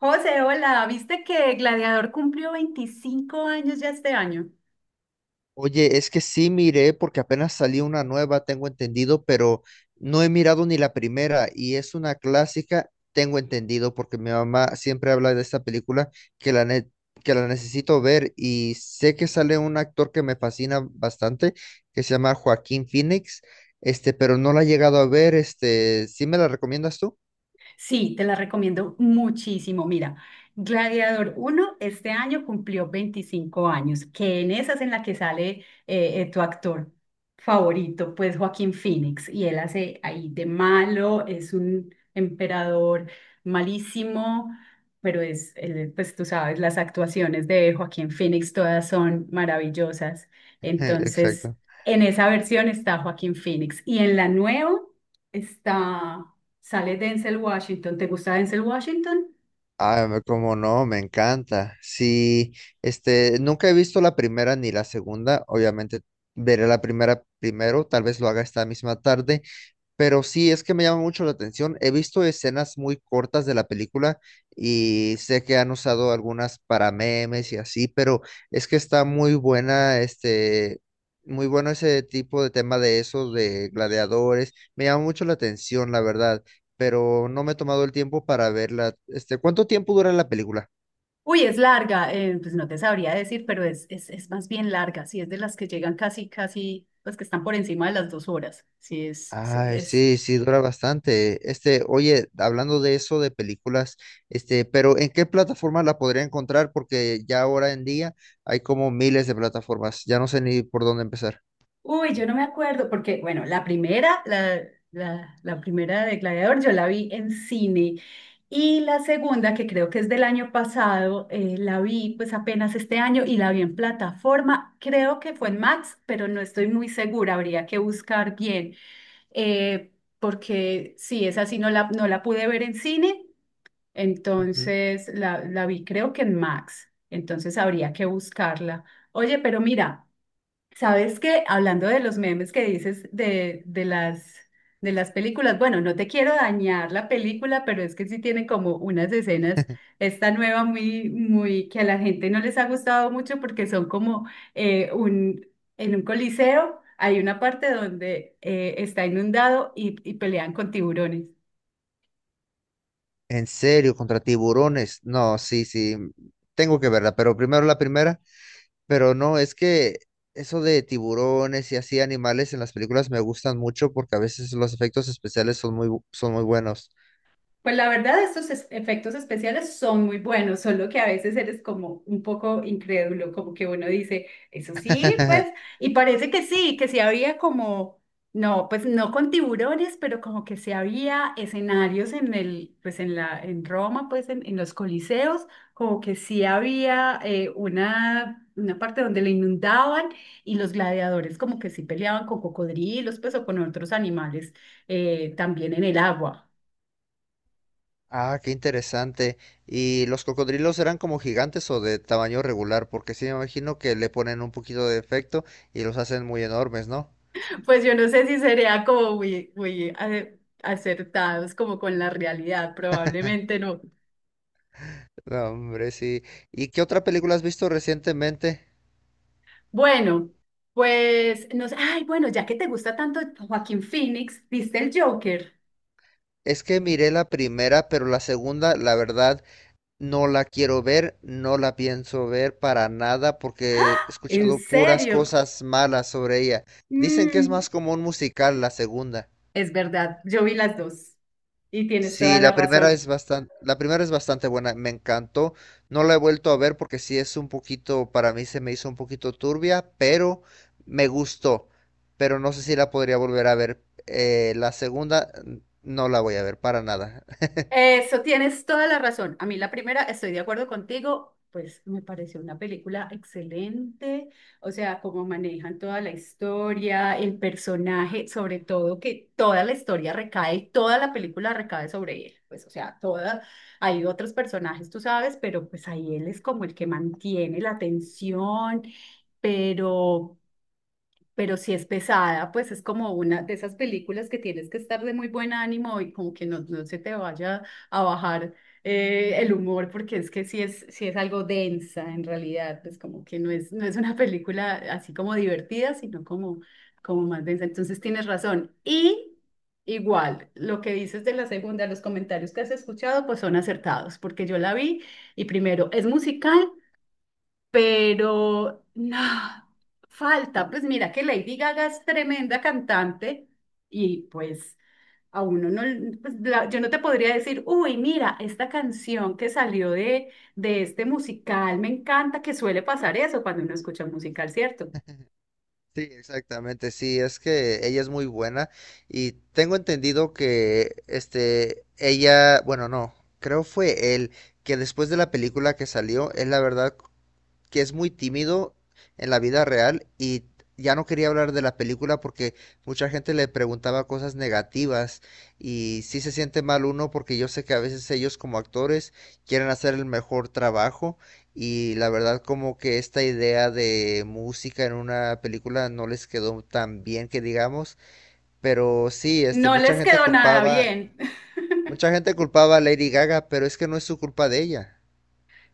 José, hola, ¿viste que Gladiador cumplió 25 años ya este año? Oye, es que sí miré porque apenas salió una nueva, tengo entendido, pero no he mirado ni la primera y es una clásica, tengo entendido, porque mi mamá siempre habla de esta película que la, ne- que la necesito ver y sé que sale un actor que me fascina bastante, que se llama Joaquín Phoenix, pero no la he llegado a ver, ¿sí me la recomiendas tú? Sí, te la recomiendo muchísimo. Mira, Gladiador uno este año cumplió 25 años, que en esa es en la que sale tu actor favorito, pues Joaquín Phoenix, y él hace ahí de malo, es un emperador malísimo, pero él, pues tú sabes, las actuaciones de Joaquín Phoenix todas son maravillosas. Entonces, Exacto. en esa versión está Joaquín Phoenix y en la nueva está. Sale Denzel Washington. ¿Te gusta Denzel Washington? Ah, como no, me encanta. Sí, nunca he visto la primera ni la segunda. Obviamente veré la primera primero, tal vez lo haga esta misma tarde. Pero sí, es que me llama mucho la atención. He visto escenas muy cortas de la película y sé que han usado algunas para memes y así, pero es que está muy buena, muy bueno ese tipo de tema de esos, de gladiadores. Me llama mucho la atención, la verdad, pero no me he tomado el tiempo para verla. ¿Cuánto tiempo dura la película? Uy, es larga, pues no te sabría decir, pero es más bien larga, sí, es de las que llegan casi, casi, pues que están por encima de las 2 horas, sí. Ay, sí, sí, dura bastante. Oye, hablando de eso, de películas, pero ¿en qué plataforma la podría encontrar? Porque ya ahora en día hay como miles de plataformas. Ya no sé ni por dónde empezar. Uy, yo no me acuerdo, porque bueno, la primera de Gladiador yo la vi en cine y la segunda, que creo que es del año pasado, la vi pues apenas este año y la vi en plataforma, creo que fue en Max, pero no estoy muy segura, habría que buscar bien, eh, porque sí, esa sí no la pude ver en cine, Ujú. entonces la vi creo que en Max, entonces habría que buscarla. Oye, pero mira. Sabes que hablando de los memes que dices de las películas, bueno, no te quiero dañar la película, pero es que sí tienen como unas escenas, esta nueva muy, muy, que a la gente no les ha gustado mucho porque son como eh, un, en un coliseo hay una parte donde está inundado y pelean con tiburones. En serio, ¿contra tiburones? No, sí, sí. Tengo que verla, pero primero la primera. Pero no, es que eso de tiburones y así animales en las películas me gustan mucho porque a veces los efectos especiales son muy, son muy buenos. Pues la verdad, estos efectos especiales son muy buenos, solo que a veces eres como un poco incrédulo, como que uno dice, eso sí, pues, y parece que sí, había como, no, pues no con tiburones, pero como que sí había escenarios en el, pues en la, en Roma, pues en los coliseos, como que sí había una parte donde le inundaban y los gladiadores como que sí peleaban con cocodrilos, pues o con otros animales también en el agua. Ah, qué interesante. ¿Y los cocodrilos eran como gigantes o de tamaño regular? Porque sí me imagino que le ponen un poquito de efecto y los hacen muy enormes, ¿no? Pues yo no sé si sería como muy, muy acertados como con la realidad, probablemente no. No, hombre, sí. ¿Y qué otra película has visto recientemente? Bueno, pues no sé, ay, bueno, ya que te gusta tanto Joaquín Phoenix, ¿viste el Joker? Es que miré la primera, pero la segunda, la verdad, no la quiero ver, no la pienso ver para nada porque he ¿En escuchado puras serio? cosas malas sobre ella. Dicen que es Mm, más como un musical la segunda. es verdad, yo vi las dos y tienes toda Sí, la la primera razón. es bastante, la primera es bastante buena, me encantó. No la he vuelto a ver porque sí es un poquito, para mí se me hizo un poquito turbia, pero me gustó. Pero no sé si la podría volver a ver. La segunda no la voy a ver para nada. Eso, tienes toda la razón. A mí la primera, estoy de acuerdo contigo, pues me pareció una película excelente, o sea, cómo manejan toda la historia, el personaje, sobre todo que toda la historia recae, toda la película recae sobre él, pues o sea, toda, hay otros personajes, tú sabes, pero pues ahí él es como el que mantiene la tensión, pero pero si es pesada, pues es como una de esas películas que tienes que estar de muy buen ánimo y como que no se te vaya a bajar el humor, porque es que si es algo densa en realidad, pues como que no es una película así como divertida, sino como más densa. Entonces tienes razón. Y igual, lo que dices de la segunda, los comentarios que has escuchado, pues son acertados, porque yo la vi y primero es musical pero no, falta, pues mira que Lady Gaga es tremenda cantante y pues a uno no, pues, yo no te podría decir, uy, mira, esta canción que salió de este musical, me encanta que suele pasar eso cuando uno escucha un musical, ¿cierto? Sí, exactamente. Sí, es que ella es muy buena y tengo entendido que ella, bueno, no, creo fue él que después de la película que salió, él la verdad que es muy tímido en la vida real y ya no quería hablar de la película porque mucha gente le preguntaba cosas negativas y sí se siente mal uno porque yo sé que a veces ellos como actores quieren hacer el mejor trabajo y la verdad como que esta idea de música en una película no les quedó tan bien que digamos, pero sí, No les quedó nada bien. mucha gente culpaba a Lady Gaga, pero es que no es su culpa de ella.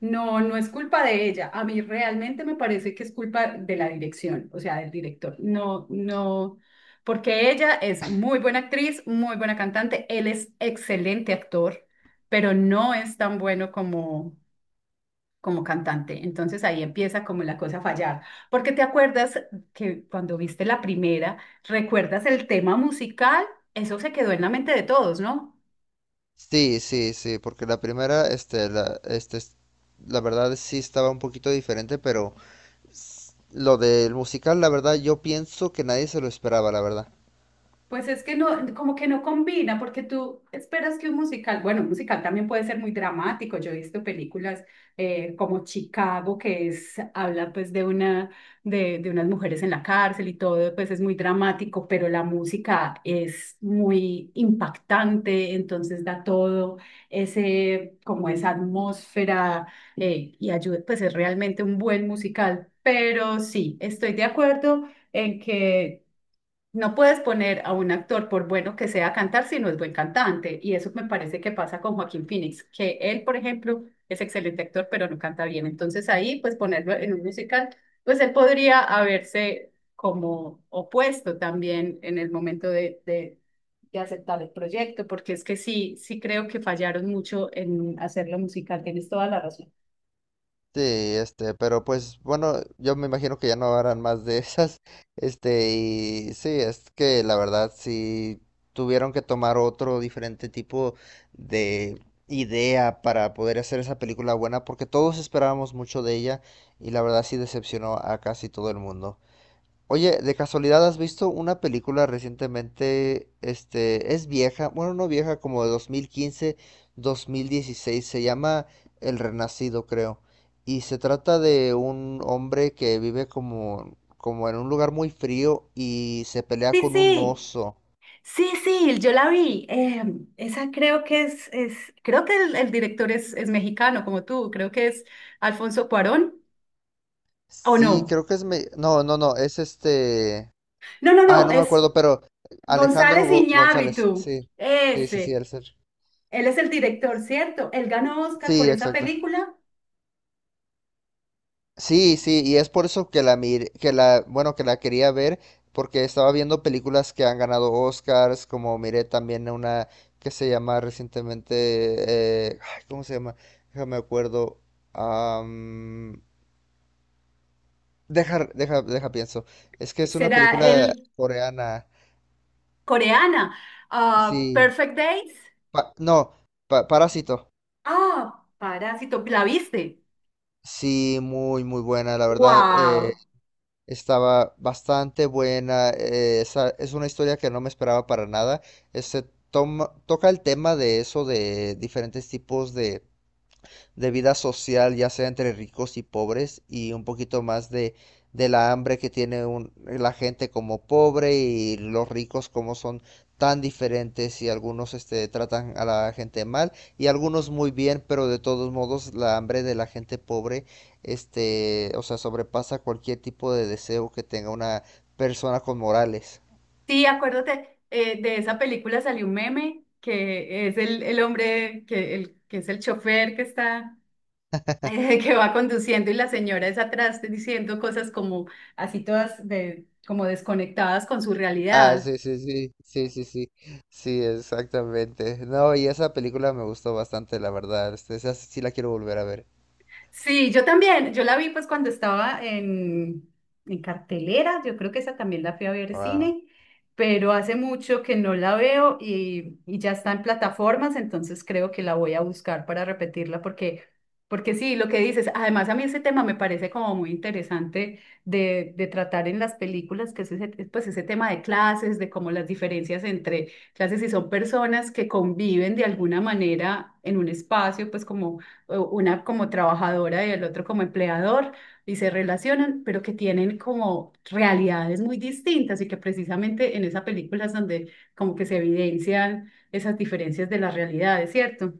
No, no es culpa de ella. A mí realmente me parece que es culpa de la dirección, o sea, del director. No, no, porque ella es muy buena actriz, muy buena cantante, él es excelente actor, pero no es tan bueno como cantante. Entonces ahí empieza como la cosa a fallar. Porque te acuerdas que cuando viste la primera, ¿recuerdas el tema musical? Eso se quedó en la mente de todos, ¿no? Sí, sí, sí, porque la primera, la verdad sí estaba un poquito diferente, pero lo del musical, la verdad, yo pienso que nadie se lo esperaba, la verdad. Pues es que no, como que no combina, porque tú esperas que un musical, bueno, un musical también puede ser muy dramático. Yo he visto películas como Chicago, que es, habla pues de unas mujeres en la cárcel y todo, pues es muy dramático, pero la música es muy impactante, entonces da todo ese, como esa atmósfera y ayuda, pues es realmente un buen musical. Pero sí, estoy de acuerdo en que no puedes poner a un actor, por bueno que sea, a cantar si no es buen cantante. Y eso me parece que pasa con Joaquín Phoenix, que él, por ejemplo, es excelente actor, pero no canta bien. Entonces ahí, pues ponerlo en un musical, pues él podría haberse como opuesto también en el momento de, de aceptar el proyecto, porque es que sí, sí creo que fallaron mucho en hacerlo musical. Tienes toda la razón. Sí, pero pues bueno, yo me imagino que ya no harán más de esas, y sí, es que la verdad sí tuvieron que tomar otro diferente tipo de idea para poder hacer esa película buena, porque todos esperábamos mucho de ella y la verdad sí decepcionó a casi todo el mundo. Oye, de casualidad, ¿has visto una película recientemente? Este, es vieja, bueno, no vieja, como de 2015, 2016, se llama El Renacido, creo. Y se trata de un hombre que vive como, como en un lugar muy frío y se pelea Sí, con un sí. oso. Sí, sí, yo la vi. Esa creo que es creo que el director es mexicano, como tú. Creo que es Alfonso Cuarón, ¿o Sí, no? creo que es no, no, no, es este... No, no, Ah, no, no me es acuerdo, pero Alejandro González González, Iñárritu. sí. Sí, sí, sí, Ese. el ser. Él es el director, ¿cierto? Él ganó Oscar por Sí, esa exacto. película. Sí, sí, y es por eso que que la, bueno, que la quería ver, porque estaba viendo películas que han ganado Oscars, como miré también una que se llama recientemente, ay, ¿cómo se llama? Déjame acuerdo. am, deja pienso. Es que es una Será película el coreana. coreana. Ah, Sí, Perfect Days. No, Parásito. Ah, Parásito. ¿La viste? Sí, muy, muy buena, la verdad. ¡Wow! Estaba bastante buena. Es una historia que no me esperaba para nada. Este Toca el tema de eso, de diferentes tipos de vida social, ya sea entre ricos y pobres, y un poquito más de, la hambre que tiene la gente como pobre y los ricos como son tan diferentes y algunos tratan a la gente mal y algunos muy bien, pero de todos modos la hambre de la gente pobre, o sea, sobrepasa cualquier tipo de deseo que tenga una persona con morales. Sí, acuérdate, de esa película salió un meme que es el hombre, que es el chofer que está, que va conduciendo y la señora es atrás diciendo cosas como así todas de, como desconectadas con su Ah, realidad. sí, sí, sí, sí, sí, sí, sí, exactamente. No, y esa película me gustó bastante, la verdad. Esa sí, sí la quiero volver a ver. Sí, yo también. Yo la vi pues cuando estaba en cartelera. Yo creo que esa también la fui a ver Wow. cine, pero hace mucho que no la veo y ya está en plataformas, entonces creo que la voy a buscar para repetirla porque sí, lo que dices, además a mí ese tema me parece como muy interesante de tratar en las películas, que es ese, pues ese tema de clases, de cómo las diferencias entre clases y son personas que conviven de alguna manera en un espacio, pues como una como trabajadora y el otro como empleador, y se relacionan, pero que tienen como realidades muy distintas y que precisamente en esa película es donde como que se evidencian esas diferencias de las realidades, ¿cierto?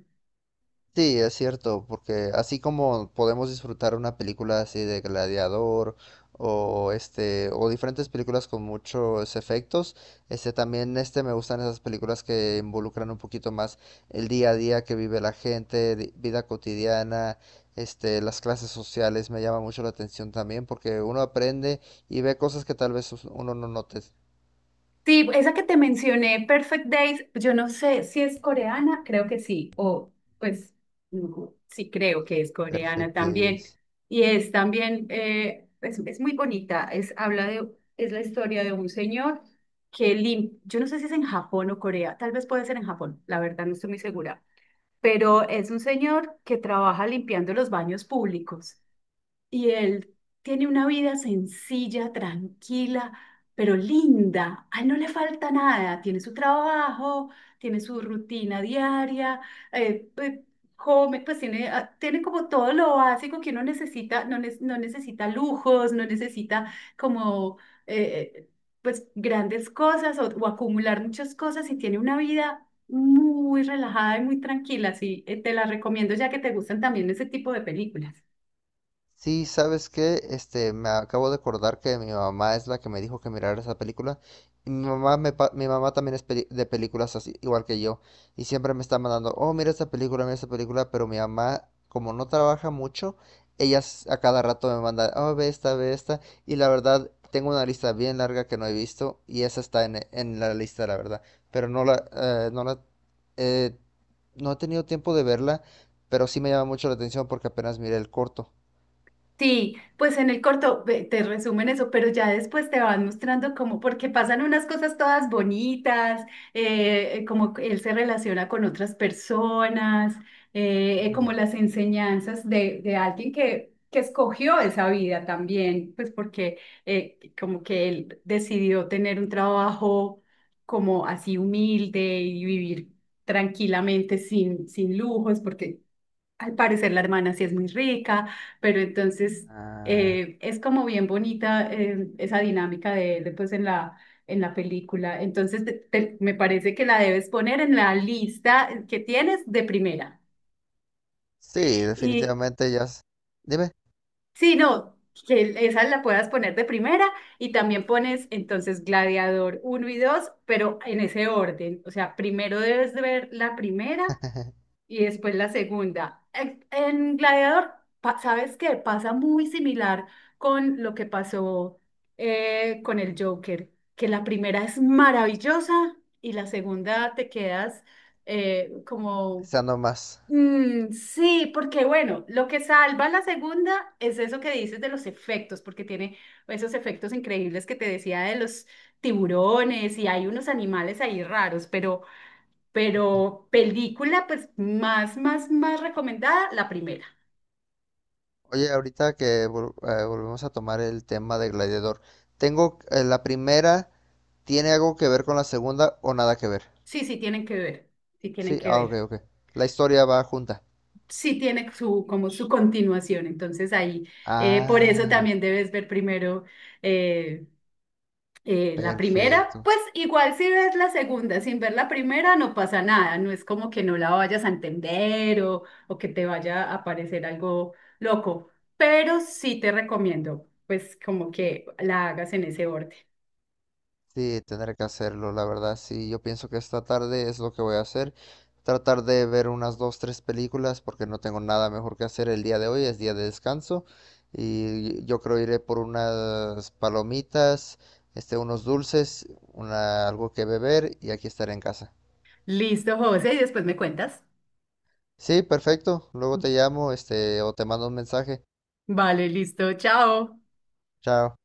Sí, es cierto, porque así como podemos disfrutar una película así de Gladiador o o diferentes películas con muchos efectos, también me gustan esas películas que involucran un poquito más el día a día que vive la gente, vida cotidiana, las clases sociales me llama mucho la atención también porque uno aprende y ve cosas que tal vez uno no note. Sí, esa que te mencioné, Perfect Days, yo no sé si es coreana, creo que sí, o pues no, sí creo que es coreana Perfect también. Days. Y es también, es muy bonita, es, habla de, es la historia de un señor que yo no sé si es en Japón o Corea, tal vez puede ser en Japón, la verdad no estoy muy segura, pero es un señor que trabaja limpiando los baños públicos. Y él tiene una vida sencilla, tranquila, pero linda. A él no le falta nada. Tiene su trabajo, tiene su rutina diaria, eh, eh, come, pues tiene, ah, tiene como todo lo básico que uno necesita. No, no necesita lujos, no necesita como eh, eh, pues grandes cosas o acumular muchas cosas y tiene una vida muy relajada y muy tranquila. Sí, te la recomiendo ya que te gustan también ese tipo de películas. Sí, ¿sabes qué? Me acabo de acordar que mi mamá es la que me dijo que mirara esa película. Y mi mamá, mi mamá también es de películas así, igual que yo. Y siempre me está mandando, oh, mira esta película, mira esta película. Pero mi mamá, como no trabaja mucho, ella a cada rato me manda, oh, ve esta, ve esta. Y la verdad, tengo una lista bien larga que no he visto. Y esa está en la lista, la verdad. Pero eh, no he tenido tiempo de verla. Pero sí me llama mucho la atención porque apenas miré el corto. Sí, pues en el corto te resumen eso, pero ya después te van mostrando cómo, porque pasan unas cosas todas bonitas, como él se relaciona con otras personas, como las enseñanzas de alguien que escogió esa vida también, pues porque como que él decidió tener un trabajo como así humilde y vivir tranquilamente sin lujos, porque al parecer la hermana sí es muy rica, pero entonces Ah, es como bien bonita esa dinámica pues en la película. Entonces me parece que la debes poner en la lista que tienes de primera. sí, Y definitivamente ya. Dime, sí, no, que esa la puedas poner de primera y también pones entonces Gladiador uno y 2, pero en ese orden. O sea, primero debes de ver la primera y después la segunda. En Gladiador, ¿sabes qué? Pasa muy similar con lo que pasó con el Joker, que la primera es maravillosa y la segunda te quedas como, deseando más. Mm, sí, porque bueno, lo que salva la segunda es eso que dices de los efectos, porque tiene esos efectos increíbles que te decía de los tiburones y hay unos animales ahí raros, pero... Pero película, pues más, más, más recomendada, la primera. Oye, ahorita que volvemos a tomar el tema de Gladiador, tengo la primera, ¿tiene algo que ver con la segunda o nada que ver? Sí, sí tienen que ver, sí tienen Sí, que ah, ok, ver. ok. La historia va junta. Sí tiene su, como su continuación, entonces ahí, por eso Ah, también debes ver primero eh, la primera, perfecto. pues igual si ves la segunda sin ver la primera no pasa nada, no es como que no la vayas a entender o que te vaya a parecer algo loco, pero sí te recomiendo pues como que la hagas en ese orden. Sí, tener que hacerlo, la verdad, sí, yo pienso que esta tarde es lo que voy a hacer, tratar de ver unas dos, tres películas porque no tengo nada mejor que hacer el día de hoy, es día de descanso y yo creo iré por unas palomitas, unos dulces, una, algo que beber y aquí estaré en casa. Listo, José, y después me cuentas. Sí, perfecto, luego te llamo, o te mando un mensaje. Vale, listo, chao. Chao.